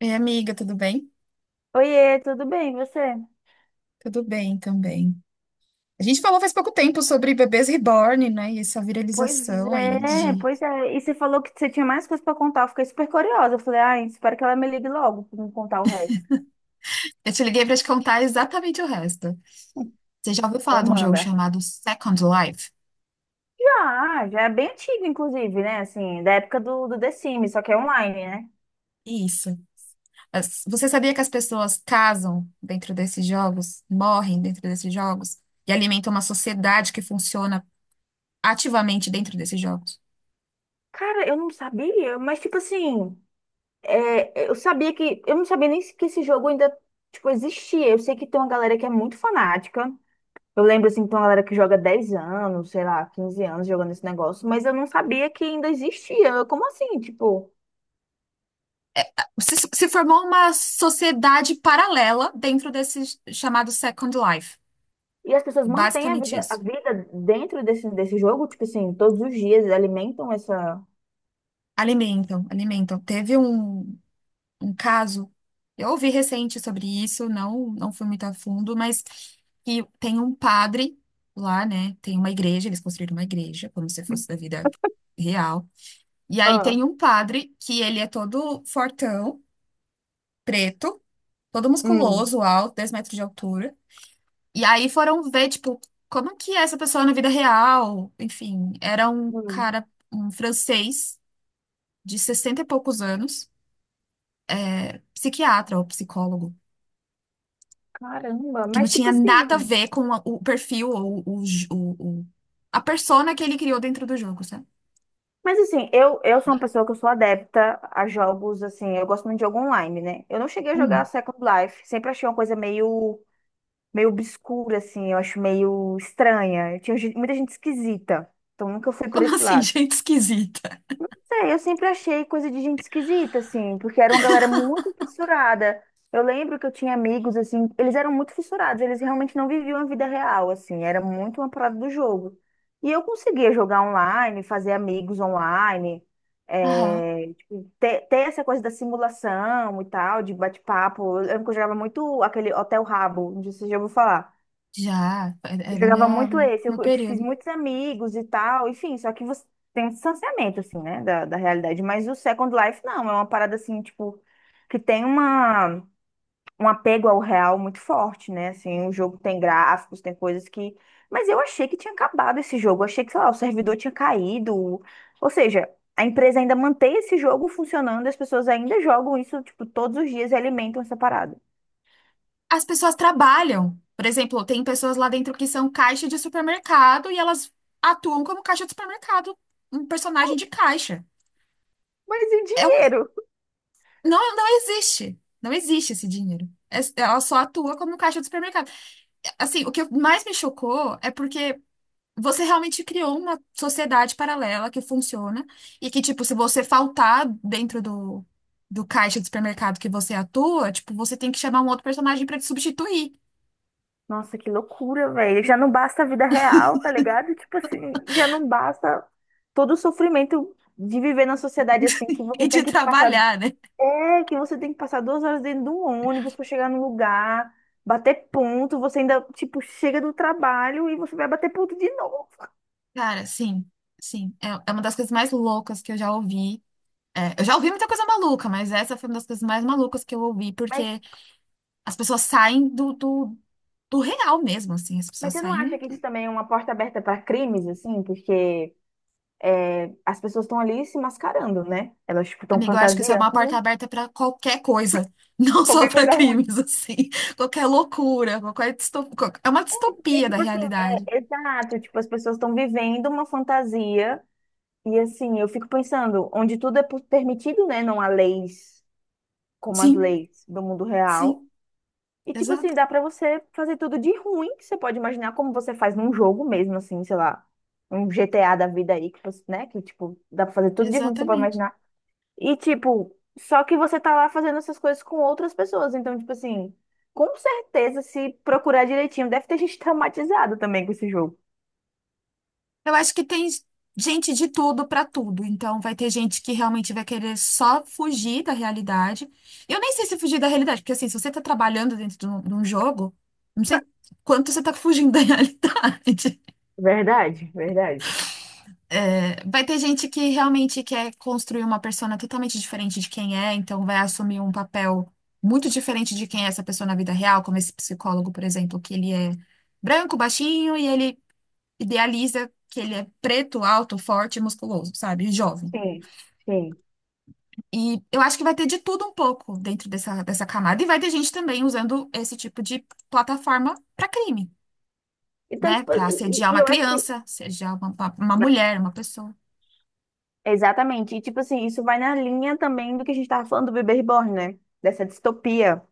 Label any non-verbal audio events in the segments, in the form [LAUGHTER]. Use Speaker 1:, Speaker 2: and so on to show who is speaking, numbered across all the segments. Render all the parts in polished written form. Speaker 1: Ei, amiga, tudo bem?
Speaker 2: Oiê, tudo bem, e você?
Speaker 1: Tudo bem também. A gente falou faz pouco tempo sobre bebês reborn, né? E essa
Speaker 2: Pois
Speaker 1: viralização aí
Speaker 2: é,
Speaker 1: de.
Speaker 2: pois é. E você falou que você tinha mais coisas pra contar. Eu fiquei super curiosa. Eu falei, ai, espero que ela me ligue logo pra me contar o resto.
Speaker 1: Eu te liguei pra te contar exatamente o resto. Você já ouviu
Speaker 2: Então
Speaker 1: falar de um jogo
Speaker 2: manda.
Speaker 1: chamado Second Life?
Speaker 2: Já, já é bem antigo, inclusive, né? Assim, da época do The Sims, só que é online, né?
Speaker 1: Isso. Você sabia que as pessoas casam dentro desses jogos, morrem dentro desses jogos e alimentam uma sociedade que funciona ativamente dentro desses jogos?
Speaker 2: Cara, eu não sabia, mas tipo assim, é, eu sabia que. Eu não sabia nem que esse jogo ainda, tipo, existia. Eu sei que tem uma galera que é muito fanática. Eu lembro, assim, que tem uma galera que joga 10 anos, sei lá, 15 anos jogando esse negócio, mas eu não sabia que ainda existia. Como assim, tipo?
Speaker 1: Se formou uma sociedade paralela dentro desse chamado Second Life.
Speaker 2: E as pessoas mantêm a
Speaker 1: Basicamente
Speaker 2: vida, a
Speaker 1: isso.
Speaker 2: vida dentro desse jogo, tipo assim, todos os dias alimentam essa.
Speaker 1: Alimentam, alimentam. Teve um caso, eu ouvi recente sobre isso, não fui muito a fundo, mas que tem um padre lá, né? Tem uma igreja, eles construíram uma igreja, como se fosse da vida real. E aí
Speaker 2: Ah,
Speaker 1: tem um padre que ele é todo fortão, preto, todo
Speaker 2: hum,
Speaker 1: musculoso, alto, 10 metros de altura. E aí foram ver, tipo, como que é essa pessoa na vida real? Enfim, era um
Speaker 2: hum.
Speaker 1: cara, um francês de 60 e poucos anos. Psiquiatra ou psicólogo,
Speaker 2: Caramba,
Speaker 1: que não
Speaker 2: mas tipo
Speaker 1: tinha
Speaker 2: assim.
Speaker 1: nada a ver com o perfil ou o, j- o- a persona que ele criou dentro do jogo, sabe?
Speaker 2: Mas assim, eu sou uma pessoa que eu sou adepta a jogos, assim, eu gosto muito de jogo online, né? Eu não cheguei a jogar
Speaker 1: Uhum.
Speaker 2: Second Life, sempre achei uma coisa meio obscura, assim, eu acho meio estranha. Tinha gente- muita gente esquisita, então nunca fui por
Speaker 1: Como
Speaker 2: esse
Speaker 1: assim, [LAUGHS]
Speaker 2: lado.
Speaker 1: gente esquisita?
Speaker 2: Sei, eu sempre achei coisa de gente esquisita, assim, porque era uma galera muito fissurada. Eu lembro que eu tinha amigos, assim, eles eram muito fissurados, eles realmente não viviam a vida real, assim, era muito uma parada do jogo. E eu conseguia jogar online, fazer amigos online,
Speaker 1: Aham,
Speaker 2: é, tipo, ter essa coisa da simulação e tal, de bate-papo. Eu lembro que eu jogava muito aquele Hotel Rabo, não sei se você já ouviu falar.
Speaker 1: já, é
Speaker 2: Eu
Speaker 1: da
Speaker 2: jogava
Speaker 1: minha, do
Speaker 2: muito
Speaker 1: meu
Speaker 2: esse, eu,
Speaker 1: meu
Speaker 2: eu te fiz
Speaker 1: período.
Speaker 2: muitos amigos e tal, enfim, só que você tem um distanciamento, assim, né, da realidade. Mas o Second Life, não, é uma parada, assim, tipo, que tem um apego ao real muito forte, né, assim, o jogo tem gráficos, tem coisas que... Mas eu achei que tinha acabado esse jogo, eu achei que, sei lá, o servidor tinha caído, ou seja, a empresa ainda mantém esse jogo funcionando, as pessoas ainda jogam isso, tipo, todos os dias e alimentam essa parada.
Speaker 1: As pessoas trabalham. Por exemplo, tem pessoas lá dentro que são caixa de supermercado e elas atuam como caixa de supermercado, um personagem de caixa.
Speaker 2: Mas e o
Speaker 1: É um,
Speaker 2: dinheiro?
Speaker 1: não existe. Não existe esse dinheiro. Ela só atua como caixa de supermercado. Assim, o que mais me chocou é porque você realmente criou uma sociedade paralela que funciona e que, tipo, se você faltar dentro do caixa do supermercado que você atua, tipo, você tem que chamar um outro personagem pra te substituir
Speaker 2: Nossa, que loucura, velho. Já não basta a vida real, tá ligado? Tipo assim, já não basta todo o sofrimento de viver na sociedade assim, que
Speaker 1: [LAUGHS] e
Speaker 2: você tem
Speaker 1: te
Speaker 2: que passar.
Speaker 1: trabalhar, né?
Speaker 2: É, que você tem que passar 2 horas dentro de um ônibus pra chegar no lugar, bater ponto, você ainda, tipo, chega do trabalho e você vai bater ponto de novo.
Speaker 1: Cara, sim, sim. É uma das coisas mais loucas que eu já ouvi. É, eu já ouvi muita coisa maluca, mas essa foi uma das coisas mais malucas que eu ouvi, porque
Speaker 2: Mas,
Speaker 1: as pessoas saem do real mesmo, assim, as
Speaker 2: mas
Speaker 1: pessoas
Speaker 2: você não acha
Speaker 1: saem.
Speaker 2: que isso também é uma porta aberta para crimes, assim? Porque é, as pessoas estão ali se mascarando, né? Elas, tipo, estão
Speaker 1: Amigo, eu acho que isso é uma porta
Speaker 2: fantasiando
Speaker 1: aberta para qualquer coisa, [LAUGHS] não só
Speaker 2: qualquer
Speaker 1: para
Speaker 2: coisa ruim.
Speaker 1: crimes, assim. Qualquer loucura, qualquer É uma
Speaker 2: E,
Speaker 1: distopia da
Speaker 2: tipo assim,
Speaker 1: realidade.
Speaker 2: é, exato, tipo, as pessoas estão vivendo uma fantasia e assim, eu fico pensando, onde tudo é pu- permitido, né? Não há leis como as
Speaker 1: Sim,
Speaker 2: leis do mundo real.
Speaker 1: sim,
Speaker 2: E tipo
Speaker 1: exato,
Speaker 2: assim, dá pra você fazer tudo de ruim que você pode imaginar como você faz num jogo mesmo, assim, sei lá, um GTA da vida aí, que você, né? Que, tipo, dá pra fazer tudo de ruim que você pode
Speaker 1: exatamente.
Speaker 2: imaginar. E, tipo, só que você tá lá fazendo essas coisas com outras pessoas. Então, tipo assim, com certeza, se procurar direitinho, deve ter [LAUGHS] gente traumatizada também com esse jogo.
Speaker 1: Eu acho que tem gente de tudo para tudo, então vai ter gente que realmente vai querer só fugir da realidade. Eu nem sei se fugir da realidade, porque assim, se você tá trabalhando dentro de um jogo, não sei quanto você tá fugindo da [LAUGHS] realidade.
Speaker 2: Verdade, verdade.
Speaker 1: É, vai ter gente que realmente quer construir uma persona totalmente diferente de quem é, então vai assumir um papel muito diferente de quem é essa pessoa na vida real, como esse psicólogo, por exemplo, que ele é branco, baixinho e ele idealiza que ele é preto, alto, forte, musculoso, sabe? E jovem.
Speaker 2: Sim, sim.
Speaker 1: E eu acho que vai ter de tudo um pouco dentro dessa camada, e vai ter gente também usando esse tipo de plataforma para crime,
Speaker 2: Então,
Speaker 1: né?
Speaker 2: tipo,
Speaker 1: Para
Speaker 2: e,
Speaker 1: assediar
Speaker 2: e
Speaker 1: uma
Speaker 2: eu acho que.
Speaker 1: criança, assediar uma mulher, uma pessoa.
Speaker 2: Exatamente. E, tipo assim, isso vai na linha também do que a gente tava falando do bebê reborn, né? Dessa distopia.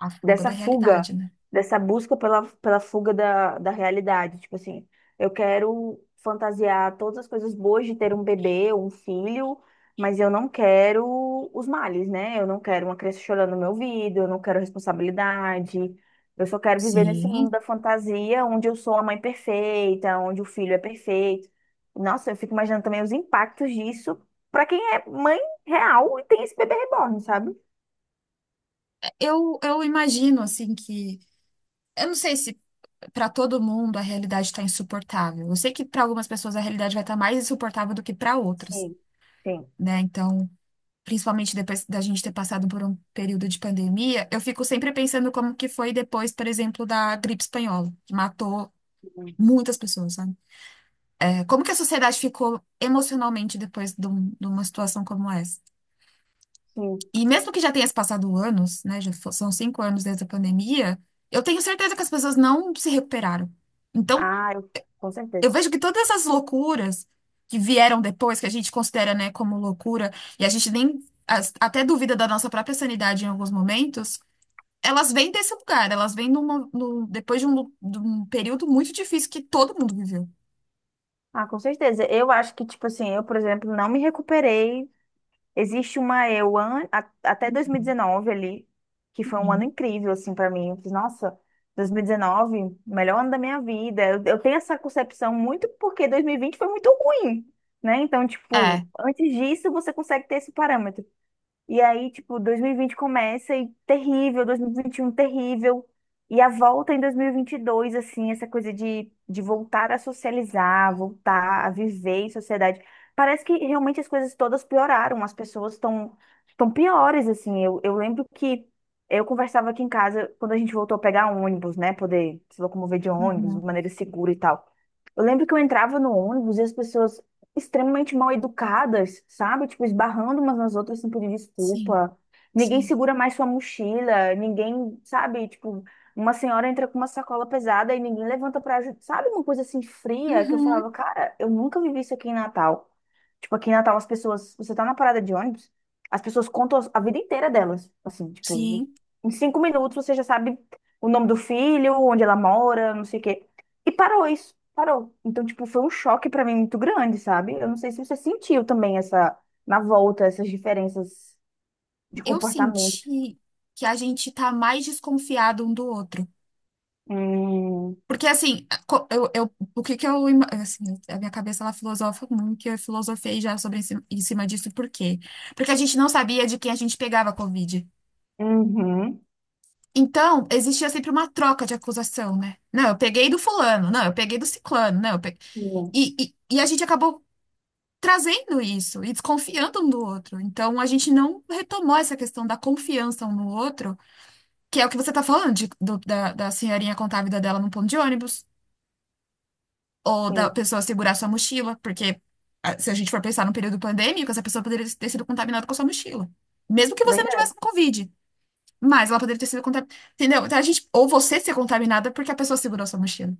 Speaker 1: A fuga da
Speaker 2: Dessa fuga,
Speaker 1: realidade, né?
Speaker 2: dessa busca pela fuga da realidade. Tipo assim, eu quero fantasiar todas as coisas boas de ter um bebê, um filho, mas eu não quero os males, né? Eu não quero uma criança chorando no meu ouvido, eu não quero responsabilidade. Eu só quero viver nesse mundo
Speaker 1: Sim.
Speaker 2: da fantasia, onde eu sou a mãe perfeita, onde o filho é perfeito. Nossa, eu fico imaginando também os impactos disso para quem é mãe real e tem esse bebê reborn, sabe?
Speaker 1: Eu imagino, assim, que. Eu não sei se para todo mundo a realidade está insuportável. Eu sei que para algumas pessoas a realidade vai estar mais insuportável do que para outras,
Speaker 2: Sim. Sim.
Speaker 1: né? Então, principalmente depois da gente ter passado por um período de pandemia, eu fico sempre pensando como que foi depois, por exemplo, da gripe espanhola, que matou
Speaker 2: Hum.
Speaker 1: muitas pessoas, sabe? É, como que a sociedade ficou emocionalmente depois de de uma situação como essa?
Speaker 2: Sim.
Speaker 1: E mesmo que já tenha se passado anos, né? São 5 anos desde a pandemia, eu tenho certeza que as pessoas não se recuperaram. Então,
Speaker 2: Ah, com
Speaker 1: eu
Speaker 2: certeza.
Speaker 1: vejo que todas essas loucuras que vieram depois, que a gente considera, né, como loucura, e a gente nem até duvida da nossa própria sanidade em alguns momentos, elas vêm desse lugar, elas vêm depois de um período muito difícil que todo mundo viveu.
Speaker 2: Ah, com certeza. Eu acho que, tipo assim, eu, por exemplo, não me recuperei. Existe uma até
Speaker 1: Uhum.
Speaker 2: 2019 ali, que foi um ano
Speaker 1: Uhum.
Speaker 2: incrível, assim, pra mim. Eu fiz, nossa, 2019, melhor ano da minha vida. Eu tenho essa concepção muito porque 2020 foi muito ruim, né? Então, tipo,
Speaker 1: É.
Speaker 2: antes disso, você consegue ter esse parâmetro. E aí, tipo, 2020 começa e terrível, 2021 terrível. E a volta em 2022, assim, essa coisa de voltar a socializar, voltar a viver em sociedade. Parece que realmente as coisas todas pioraram, as pessoas estão piores, assim. Eu lembro que eu conversava aqui em casa quando a gente voltou a pegar ônibus, né? Poder se locomover de ônibus de
Speaker 1: Uhum.
Speaker 2: maneira segura e tal. Eu lembro que eu entrava no ônibus e as pessoas extremamente mal educadas, sabe? Tipo, esbarrando umas nas outras sem pedir
Speaker 1: Sim,
Speaker 2: desculpa. Ninguém
Speaker 1: sim.
Speaker 2: segura mais sua mochila, ninguém, sabe? Tipo, uma senhora entra com uma sacola pesada e ninguém levanta pra ajudar. Sabe uma coisa assim fria que eu
Speaker 1: Uhum,
Speaker 2: falava, cara, eu nunca vivi isso aqui em Natal. Tipo, aqui em Natal as pessoas, você tá na parada de ônibus, as pessoas contam a vida inteira delas. Assim, tipo,
Speaker 1: sim.
Speaker 2: em 5 minutos você já sabe o nome do filho, onde ela mora, não sei o quê. E parou isso, parou. Então, tipo, foi um choque pra mim muito grande, sabe? Eu não sei se você sentiu também essa, na volta, essas diferenças de
Speaker 1: Eu
Speaker 2: comportamento.
Speaker 1: senti que a gente tá mais desconfiado um do outro.
Speaker 2: Hum,
Speaker 1: Porque, assim, o que que eu... Assim, a minha cabeça, ela filosofa muito, e eu filosofei já sobre esse, em cima disso. Por quê? Porque a gente não sabia de quem a gente pegava a Covid.
Speaker 2: uhum,
Speaker 1: Então, existia sempre uma troca de acusação, né? Não, eu peguei do fulano. Não, eu peguei do ciclano. Não, eu peguei...
Speaker 2: sim,
Speaker 1: E a gente acabou trazendo isso e desconfiando um do outro. Então, a gente não retomou essa questão da confiança um no outro. Que é o que você tá falando, da senhorinha contar a vida dela num ponto de ônibus, ou da
Speaker 2: sim,
Speaker 1: pessoa segurar sua mochila, porque ah, se a gente for pensar no período pandêmico, essa pessoa poderia ter sido contaminada com a sua mochila. Mesmo que
Speaker 2: é
Speaker 1: você não
Speaker 2: verdade,
Speaker 1: tivesse com Covid, mas ela poderia ter sido contaminada. Entendeu? Então, a gente, ou você ser contaminada porque a pessoa segurou sua mochila.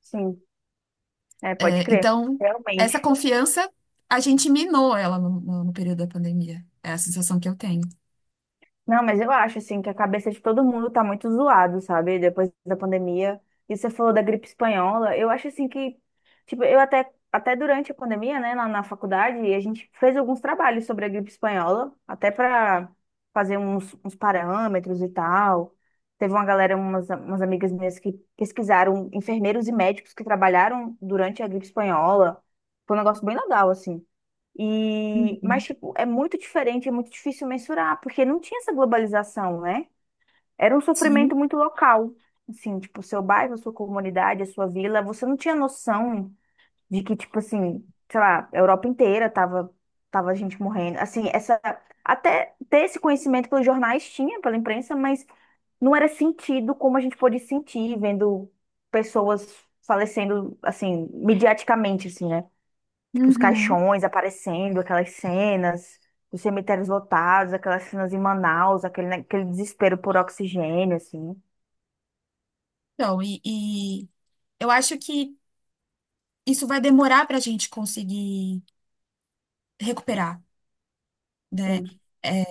Speaker 2: sim, é, pode
Speaker 1: É,
Speaker 2: crer,
Speaker 1: então, essa
Speaker 2: realmente.
Speaker 1: confiança, a gente minou ela no período da pandemia. É a sensação que eu tenho.
Speaker 2: Não, mas eu acho, assim, que a cabeça de todo mundo tá muito zoado, sabe? Depois da pandemia. E você falou da gripe espanhola. Eu acho, assim, que... Tipo, eu até, até durante a pandemia, né, na faculdade, a gente fez alguns trabalhos sobre a gripe espanhola. Até para fazer uns parâmetros e tal. Teve uma galera, umas amigas minhas que pesquisaram enfermeiros e médicos que trabalharam durante a gripe espanhola. Foi um negócio bem legal, assim. E, mas,
Speaker 1: Uhum.
Speaker 2: tipo, é muito diferente, é muito difícil mensurar, porque não tinha essa globalização, né? Era um sofrimento
Speaker 1: Sim.
Speaker 2: muito local. Assim, tipo, seu bairro, a sua comunidade, a sua vila, você não tinha noção de que, tipo assim, sei lá, a Europa inteira tava, tava gente morrendo. Assim, essa, até ter esse conhecimento pelos jornais tinha, pela imprensa, mas não era sentido como a gente pôde sentir vendo pessoas falecendo, assim, midiaticamente, assim, né? Tipo, os
Speaker 1: Uhum.
Speaker 2: caixões aparecendo, aquelas cenas, os cemitérios lotados, aquelas cenas em Manaus, aquele desespero por oxigênio, assim.
Speaker 1: Então, e eu acho que. Isso vai demorar para a gente conseguir recuperar, né?
Speaker 2: Sim.
Speaker 1: É,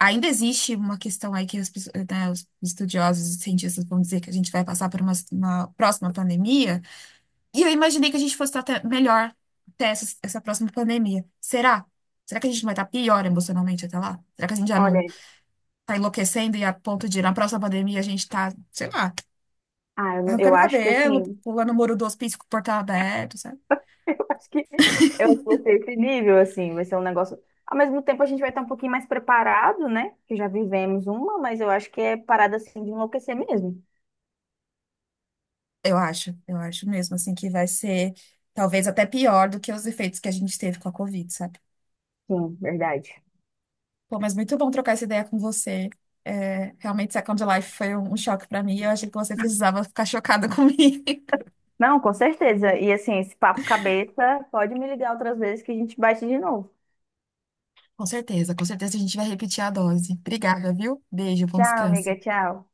Speaker 1: ainda existe uma questão aí que as pessoas, né, os estudiosos e cientistas vão dizer que a gente vai passar por uma próxima pandemia, e eu imaginei que a gente fosse estar até melhor até essa próxima pandemia. Será? Será que a gente não vai estar pior emocionalmente até lá? Será que a gente já não
Speaker 2: Olha,
Speaker 1: está enlouquecendo e a ponto de na próxima pandemia a gente está, sei lá,
Speaker 2: ah, eu
Speaker 1: arrancando o
Speaker 2: acho que
Speaker 1: cabelo,
Speaker 2: assim,
Speaker 1: pulando o muro do hospício com o portão aberto,
Speaker 2: [LAUGHS] eu acho que eu acho que vai ser esse nível, assim, vai ser um negócio. Ao mesmo tempo, a gente vai estar um pouquinho mais preparado, né? Que já vivemos uma, mas eu acho que é parada assim de enlouquecer mesmo.
Speaker 1: eu acho, eu acho mesmo, assim, que vai ser talvez até pior do que os efeitos que a gente teve com a Covid, sabe?
Speaker 2: Sim, verdade.
Speaker 1: Pô, mas muito bom trocar essa ideia com você. É, realmente, Second Life foi um choque pra mim. Eu achei que você precisava ficar chocada [LAUGHS] comigo.
Speaker 2: Não, com certeza. E assim, esse papo cabeça, pode me ligar outras vezes que a gente bate de novo.
Speaker 1: Com certeza a gente vai repetir a dose. Obrigada, viu? Beijo, bom
Speaker 2: Tchau, amiga,
Speaker 1: descanso.
Speaker 2: tchau.